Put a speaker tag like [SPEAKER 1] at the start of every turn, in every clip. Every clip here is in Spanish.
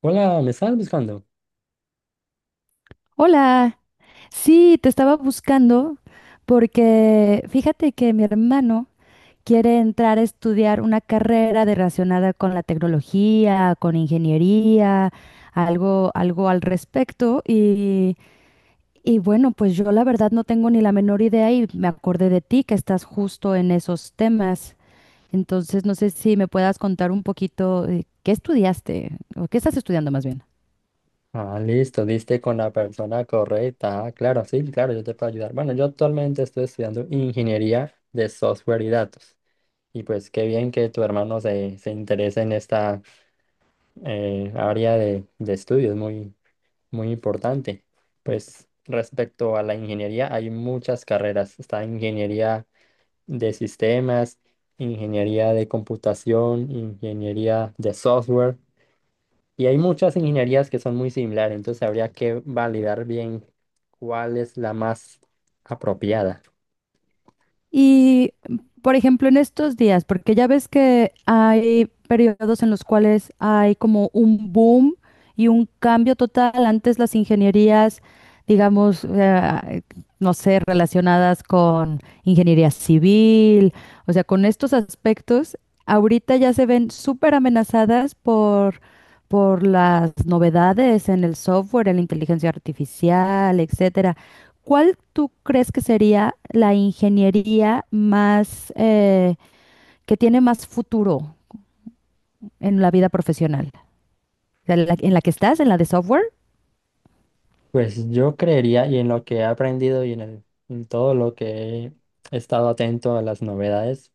[SPEAKER 1] Hola, ¿me estás buscando?
[SPEAKER 2] Hola, sí, te estaba buscando porque fíjate que mi hermano quiere entrar a estudiar una relacionada con la tecnología, con ingeniería, algo al respecto y bueno, pues yo la verdad no tengo ni la menor idea y me acordé de ti que estás justo en esos temas. Entonces, no sé si me puedas contar un poquito qué estudiaste o qué estás estudiando más bien.
[SPEAKER 1] Ah, listo, diste con la persona correcta. Ah, claro, sí, claro, yo te puedo ayudar. Bueno, yo actualmente estoy estudiando ingeniería de software y datos. Y pues qué bien que tu hermano se interese en esta área de estudio, es muy, muy importante. Pues respecto a la ingeniería, hay muchas carreras. Está ingeniería de sistemas, ingeniería de computación, ingeniería de software. Y hay muchas ingenierías que son muy similares, entonces habría que validar bien cuál es la más apropiada.
[SPEAKER 2] Y, por ejemplo, en estos días, porque ya ves que hay periodos en los cuales hay como un boom y un cambio total. Antes las ingenierías, digamos, no sé, relacionadas con ingeniería civil, o sea, con estos aspectos, ahorita ya se ven súper amenazadas por las novedades en el software, en la inteligencia artificial, etcétera. ¿Cuál tú crees que sería la ingeniería más que tiene más futuro en la vida profesional? O sea, ¿En la que estás? ¿En la de software?
[SPEAKER 1] Pues yo creería, y en lo que he aprendido y en en todo lo que he estado atento a las novedades,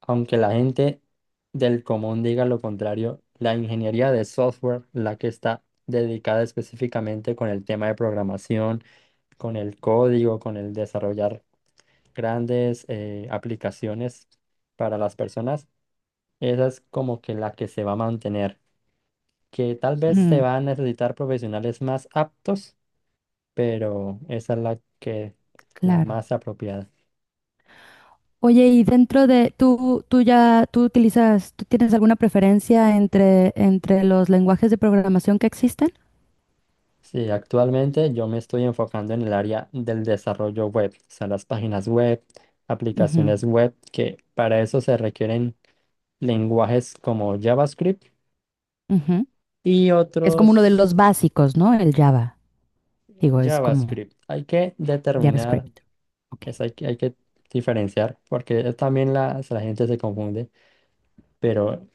[SPEAKER 1] aunque la gente del común diga lo contrario, la ingeniería de software, la que está dedicada específicamente con el tema de programación, con el código, con el desarrollar grandes aplicaciones para las personas. Esa es como que la que se va a mantener, que tal vez se
[SPEAKER 2] Mm,
[SPEAKER 1] va a necesitar profesionales más aptos, pero esa es la
[SPEAKER 2] claro.
[SPEAKER 1] más apropiada.
[SPEAKER 2] Oye, y dentro de tú utilizas, ¿tú tienes alguna preferencia entre los lenguajes de programación que existen?
[SPEAKER 1] Sí, actualmente yo me estoy enfocando en el área del desarrollo web, o sea, las páginas web,
[SPEAKER 2] Ujú,
[SPEAKER 1] aplicaciones web, que para eso se requieren lenguajes como JavaScript
[SPEAKER 2] ujú.
[SPEAKER 1] y
[SPEAKER 2] Es como uno de los
[SPEAKER 1] otros.
[SPEAKER 2] básicos, ¿no? El Java. Digo, es como
[SPEAKER 1] JavaScript. Hay que determinar,
[SPEAKER 2] JavaScript. Ok.
[SPEAKER 1] hay que diferenciar, porque también la gente se confunde. Pero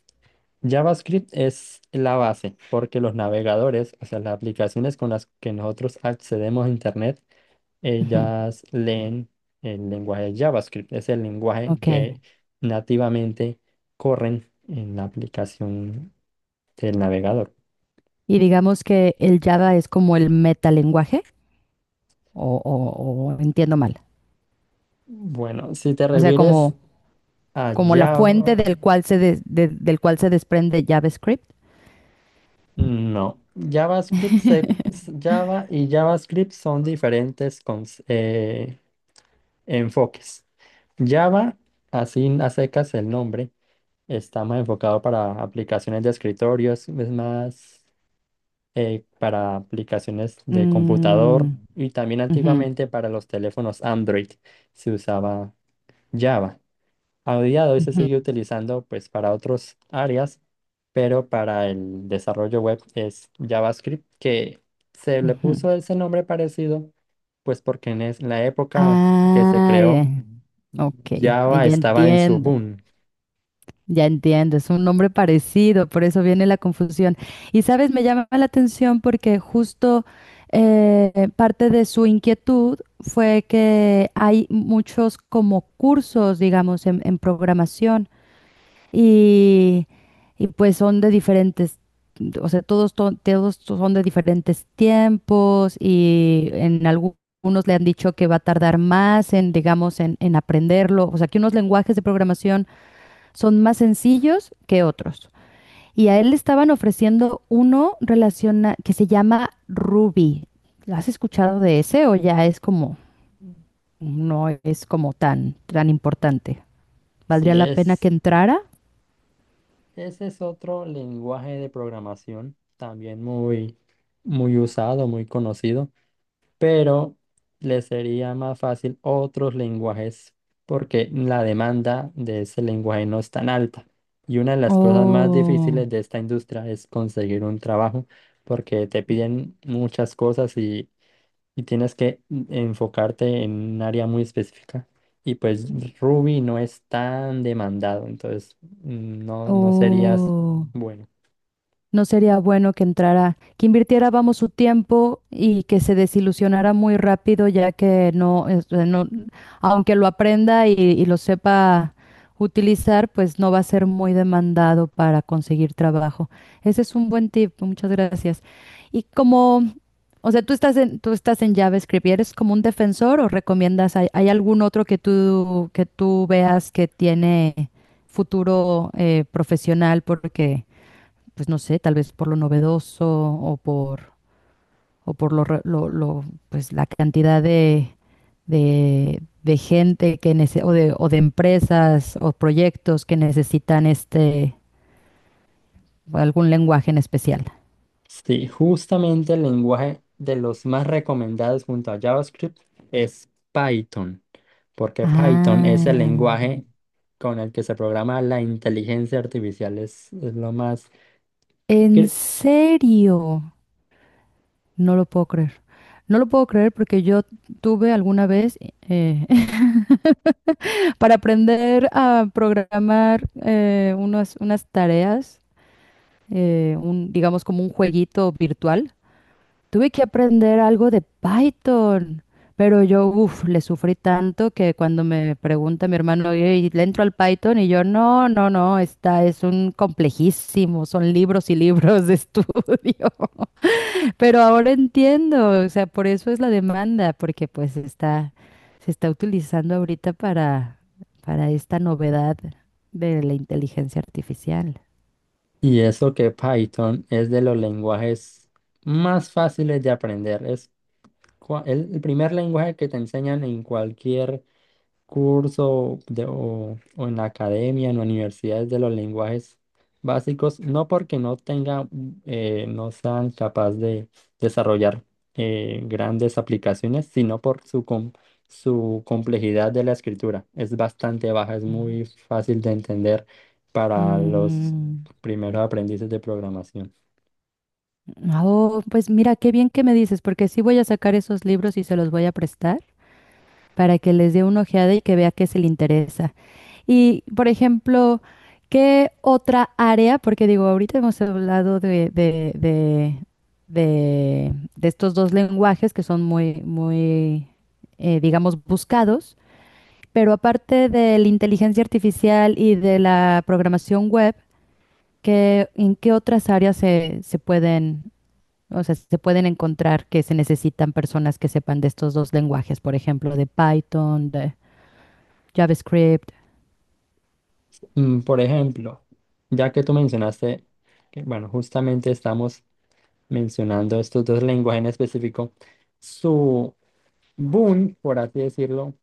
[SPEAKER 1] JavaScript es la base porque los navegadores, o sea, las aplicaciones con las que nosotros accedemos a Internet,
[SPEAKER 2] Ujú,
[SPEAKER 1] ellas leen el lenguaje JavaScript. Es el lenguaje
[SPEAKER 2] ok.
[SPEAKER 1] que nativamente corren en la aplicación del navegador.
[SPEAKER 2] Y digamos que el Java es como el metalenguaje. O entiendo mal.
[SPEAKER 1] Bueno, si te
[SPEAKER 2] O sea,
[SPEAKER 1] refieres
[SPEAKER 2] como,
[SPEAKER 1] a
[SPEAKER 2] como la fuente
[SPEAKER 1] Java,
[SPEAKER 2] del cual del cual se desprende JavaScript.
[SPEAKER 1] no. Java y JavaScript son diferentes con, enfoques. Java, así a secas el nombre, está más enfocado para aplicaciones de escritorios, es más para aplicaciones de
[SPEAKER 2] Mm,
[SPEAKER 1] computador y también
[SPEAKER 2] ujú,
[SPEAKER 1] antiguamente para los teléfonos Android se usaba Java. A día de hoy se
[SPEAKER 2] ujú,
[SPEAKER 1] sigue utilizando pues para otras áreas, pero para el desarrollo web es JavaScript, que se le
[SPEAKER 2] ujú.
[SPEAKER 1] puso ese nombre parecido pues porque en la época que se
[SPEAKER 2] Ah,
[SPEAKER 1] creó
[SPEAKER 2] eh, ok,
[SPEAKER 1] Java
[SPEAKER 2] ya
[SPEAKER 1] estaba en su
[SPEAKER 2] entiendo.
[SPEAKER 1] boom.
[SPEAKER 2] Ya entiendo, es un nombre parecido, por eso viene la confusión. Y sabes, me llama la atención porque justo parte de su inquietud fue que hay muchos como cursos, digamos, en programación y, y pues son de diferentes, o sea, todos son de diferentes tiempos y algunos le han dicho que va a tardar más en, digamos, en aprenderlo. O sea, que unos lenguajes de programación son más sencillos que otros. Y a él le estaban ofreciendo uno relaciona que se llama Ruby. ¿Has escuchado de ese o ya es como, no es como tan importante? ¿Valdría
[SPEAKER 1] Sí,
[SPEAKER 2] la pena que
[SPEAKER 1] es,
[SPEAKER 2] entrara?
[SPEAKER 1] ese es otro lenguaje de programación también muy, muy usado, muy conocido, pero le sería más fácil otros lenguajes porque la demanda de ese lenguaje no es tan alta. Y una de las cosas más
[SPEAKER 2] Oh.
[SPEAKER 1] difíciles de esta industria es conseguir un trabajo porque te piden muchas cosas y tienes que enfocarte en un área muy específica. Y pues Ruby no es tan demandado, entonces no, no serías
[SPEAKER 2] Oh,
[SPEAKER 1] bueno.
[SPEAKER 2] no sería bueno que entrara, que invirtiera, vamos, su tiempo y que se desilusionara muy rápido, ya que no, este, no, aunque lo aprenda y lo sepa utilizar, pues no va a ser muy demandado para conseguir trabajo. Ese es un buen tip, muchas gracias. Y como o sea, tú estás en JavaScript y eres como un defensor o recomiendas, hay algún otro que tú veas que tiene futuro profesional pues no sé, tal vez por lo novedoso o por lo, re- lo, pues la cantidad de gente que o de empresas o proyectos que necesitan este, algún lenguaje en especial.
[SPEAKER 1] Sí, justamente el lenguaje de los más recomendados junto a JavaScript es Python, porque Python es el
[SPEAKER 2] Ah,
[SPEAKER 1] lenguaje con el que se programa la inteligencia artificial, es lo más...
[SPEAKER 2] ¿en
[SPEAKER 1] cre-
[SPEAKER 2] serio? No lo puedo creer. No lo puedo creer porque yo tuve alguna vez eh, para aprender a programar unas tareas, digamos como un jueguito virtual. Tuve que aprender algo de Python, pero yo, uff, le sufrí tanto que cuando me pregunta mi hermano, "Ey, ¿le entro al Python? Y yo, no, no, no, está, es un complejísimo, son libros y libros de estudio. Pero ahora entiendo, o sea, por eso es la demanda, porque pues está, se está utilizando ahorita para esta novedad de la inteligencia artificial.
[SPEAKER 1] Y eso que Python es de los lenguajes más fáciles de aprender. Es el primer lenguaje que te enseñan en cualquier o en la academia, en universidades, de los lenguajes básicos, no porque no tenga, no sean capaz de desarrollar grandes aplicaciones, sino por su complejidad de la escritura. Es bastante baja, es
[SPEAKER 2] Mm.
[SPEAKER 1] muy fácil de entender para los
[SPEAKER 2] Mm,
[SPEAKER 1] primeros aprendices de programación.
[SPEAKER 2] oh, pues mira, qué bien que me dices, porque sí voy a sacar esos libros y se los voy a prestar para que les dé una ojeada y que vea qué se le interesa. Y, por ejemplo, ¿qué otra área? Porque digo, ahorita hemos hablado de estos dos lenguajes que son muy, digamos, buscados, pero aparte de la inteligencia artificial y de la programación web, ¿qué, en qué otras áreas se pueden, o sea, se pueden encontrar que se necesitan personas que sepan de estos dos lenguajes, por ejemplo, de Python, de JavaScript?
[SPEAKER 1] Por ejemplo, ya que tú mencionaste que, bueno, justamente estamos mencionando estos dos lenguajes en específico, su boom, por así decirlo,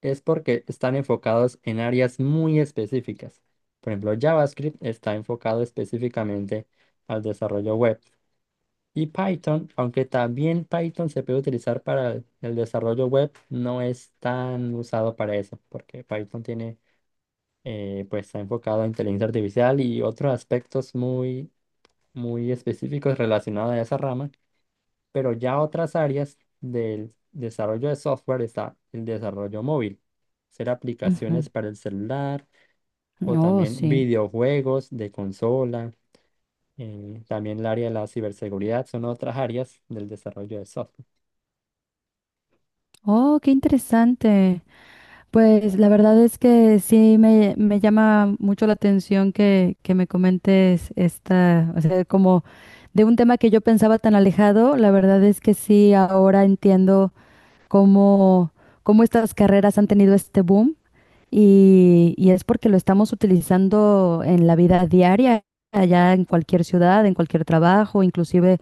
[SPEAKER 1] es porque están enfocados en áreas muy específicas. Por ejemplo, JavaScript está enfocado específicamente al desarrollo web y Python, aunque también Python se puede utilizar para el desarrollo web, no es tan usado para eso, porque Python tiene pues está enfocado a inteligencia artificial y otros aspectos muy, muy específicos relacionados a esa rama, pero ya otras áreas del desarrollo de software, está el desarrollo móvil, hacer aplicaciones
[SPEAKER 2] Ujú.
[SPEAKER 1] para el celular o
[SPEAKER 2] Oh,
[SPEAKER 1] también
[SPEAKER 2] sí.
[SPEAKER 1] videojuegos de consola, también el área de la ciberseguridad son otras áreas del desarrollo de software.
[SPEAKER 2] Oh, qué interesante. Pues la verdad es que sí me llama mucho la atención que me comentes esta, o sea, como de un tema que yo pensaba tan alejado, la verdad es que sí ahora entiendo cómo, cómo estas carreras han tenido este boom y es porque lo estamos utilizando en la vida diaria, allá en cualquier ciudad, en cualquier trabajo, inclusive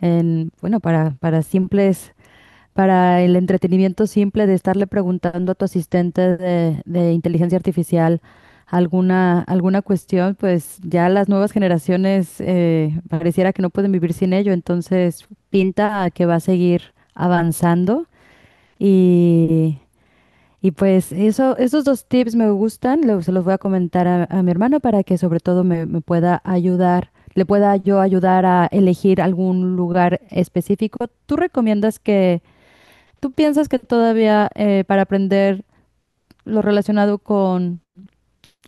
[SPEAKER 2] en, bueno, para simples para el entretenimiento simple de estarle preguntando a tu asistente de inteligencia artificial alguna cuestión, pues ya las nuevas generaciones pareciera que no pueden vivir sin ello, entonces pinta a que va a seguir avanzando y, y pues eso, esos dos tips me gustan, se los voy a comentar a mi hermano para que sobre todo me pueda ayudar. Le pueda yo ayudar a elegir algún lugar específico. ¿Tú piensas que todavía para aprender lo relacionado con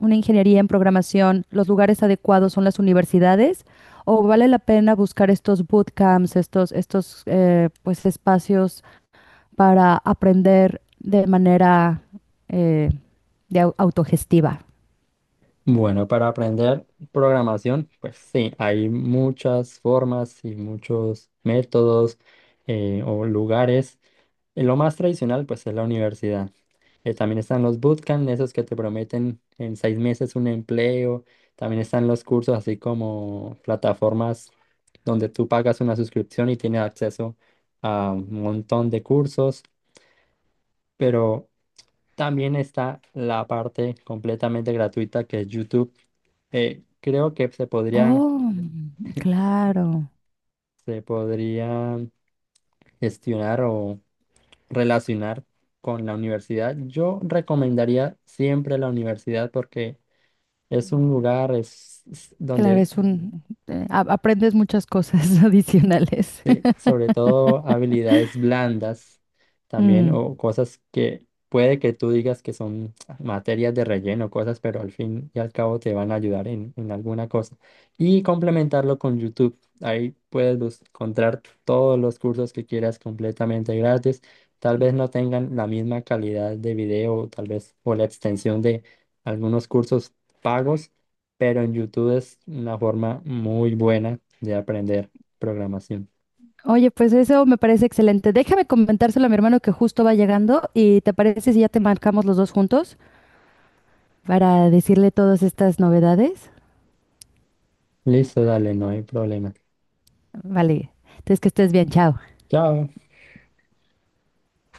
[SPEAKER 2] una ingeniería en programación, los lugares adecuados son las universidades? ¿O vale la pena buscar estos bootcamps, estos pues, espacios para aprender de manera eh, autogestiva?
[SPEAKER 1] Bueno, para aprender programación, pues sí, hay muchas formas y muchos métodos, o lugares. Lo más tradicional, pues, es la universidad. También están los bootcamp, esos que te prometen en 6 meses un empleo. También están los cursos, así como plataformas donde tú pagas una suscripción y tienes acceso a un montón de cursos. Pero también está la parte completamente gratuita que es YouTube, creo que
[SPEAKER 2] Oh, claro.
[SPEAKER 1] se podría gestionar o relacionar con la universidad. Yo recomendaría siempre la universidad porque es un lugar, es
[SPEAKER 2] Claro,
[SPEAKER 1] donde...
[SPEAKER 2] es un... aprendes muchas cosas adicionales.
[SPEAKER 1] Sí, sobre todo habilidades blandas también, o
[SPEAKER 2] Mm.
[SPEAKER 1] cosas que puede que tú digas que son materias de relleno, cosas, pero al fin y al cabo te van a ayudar en alguna cosa. Y complementarlo con YouTube. Ahí puedes encontrar todos los cursos que quieras completamente gratis. Tal vez no tengan la misma calidad de video, tal vez, o la extensión de algunos cursos pagos, pero en YouTube es una forma muy buena de aprender programación.
[SPEAKER 2] Oye, pues eso me parece excelente. Déjame comentárselo a mi hermano que justo va llegando y ¿te parece si ya te marcamos los dos juntos para decirle todas estas novedades?
[SPEAKER 1] Listo, dale, no hay problema.
[SPEAKER 2] Vale, entonces que estés bien, chao.
[SPEAKER 1] Chao.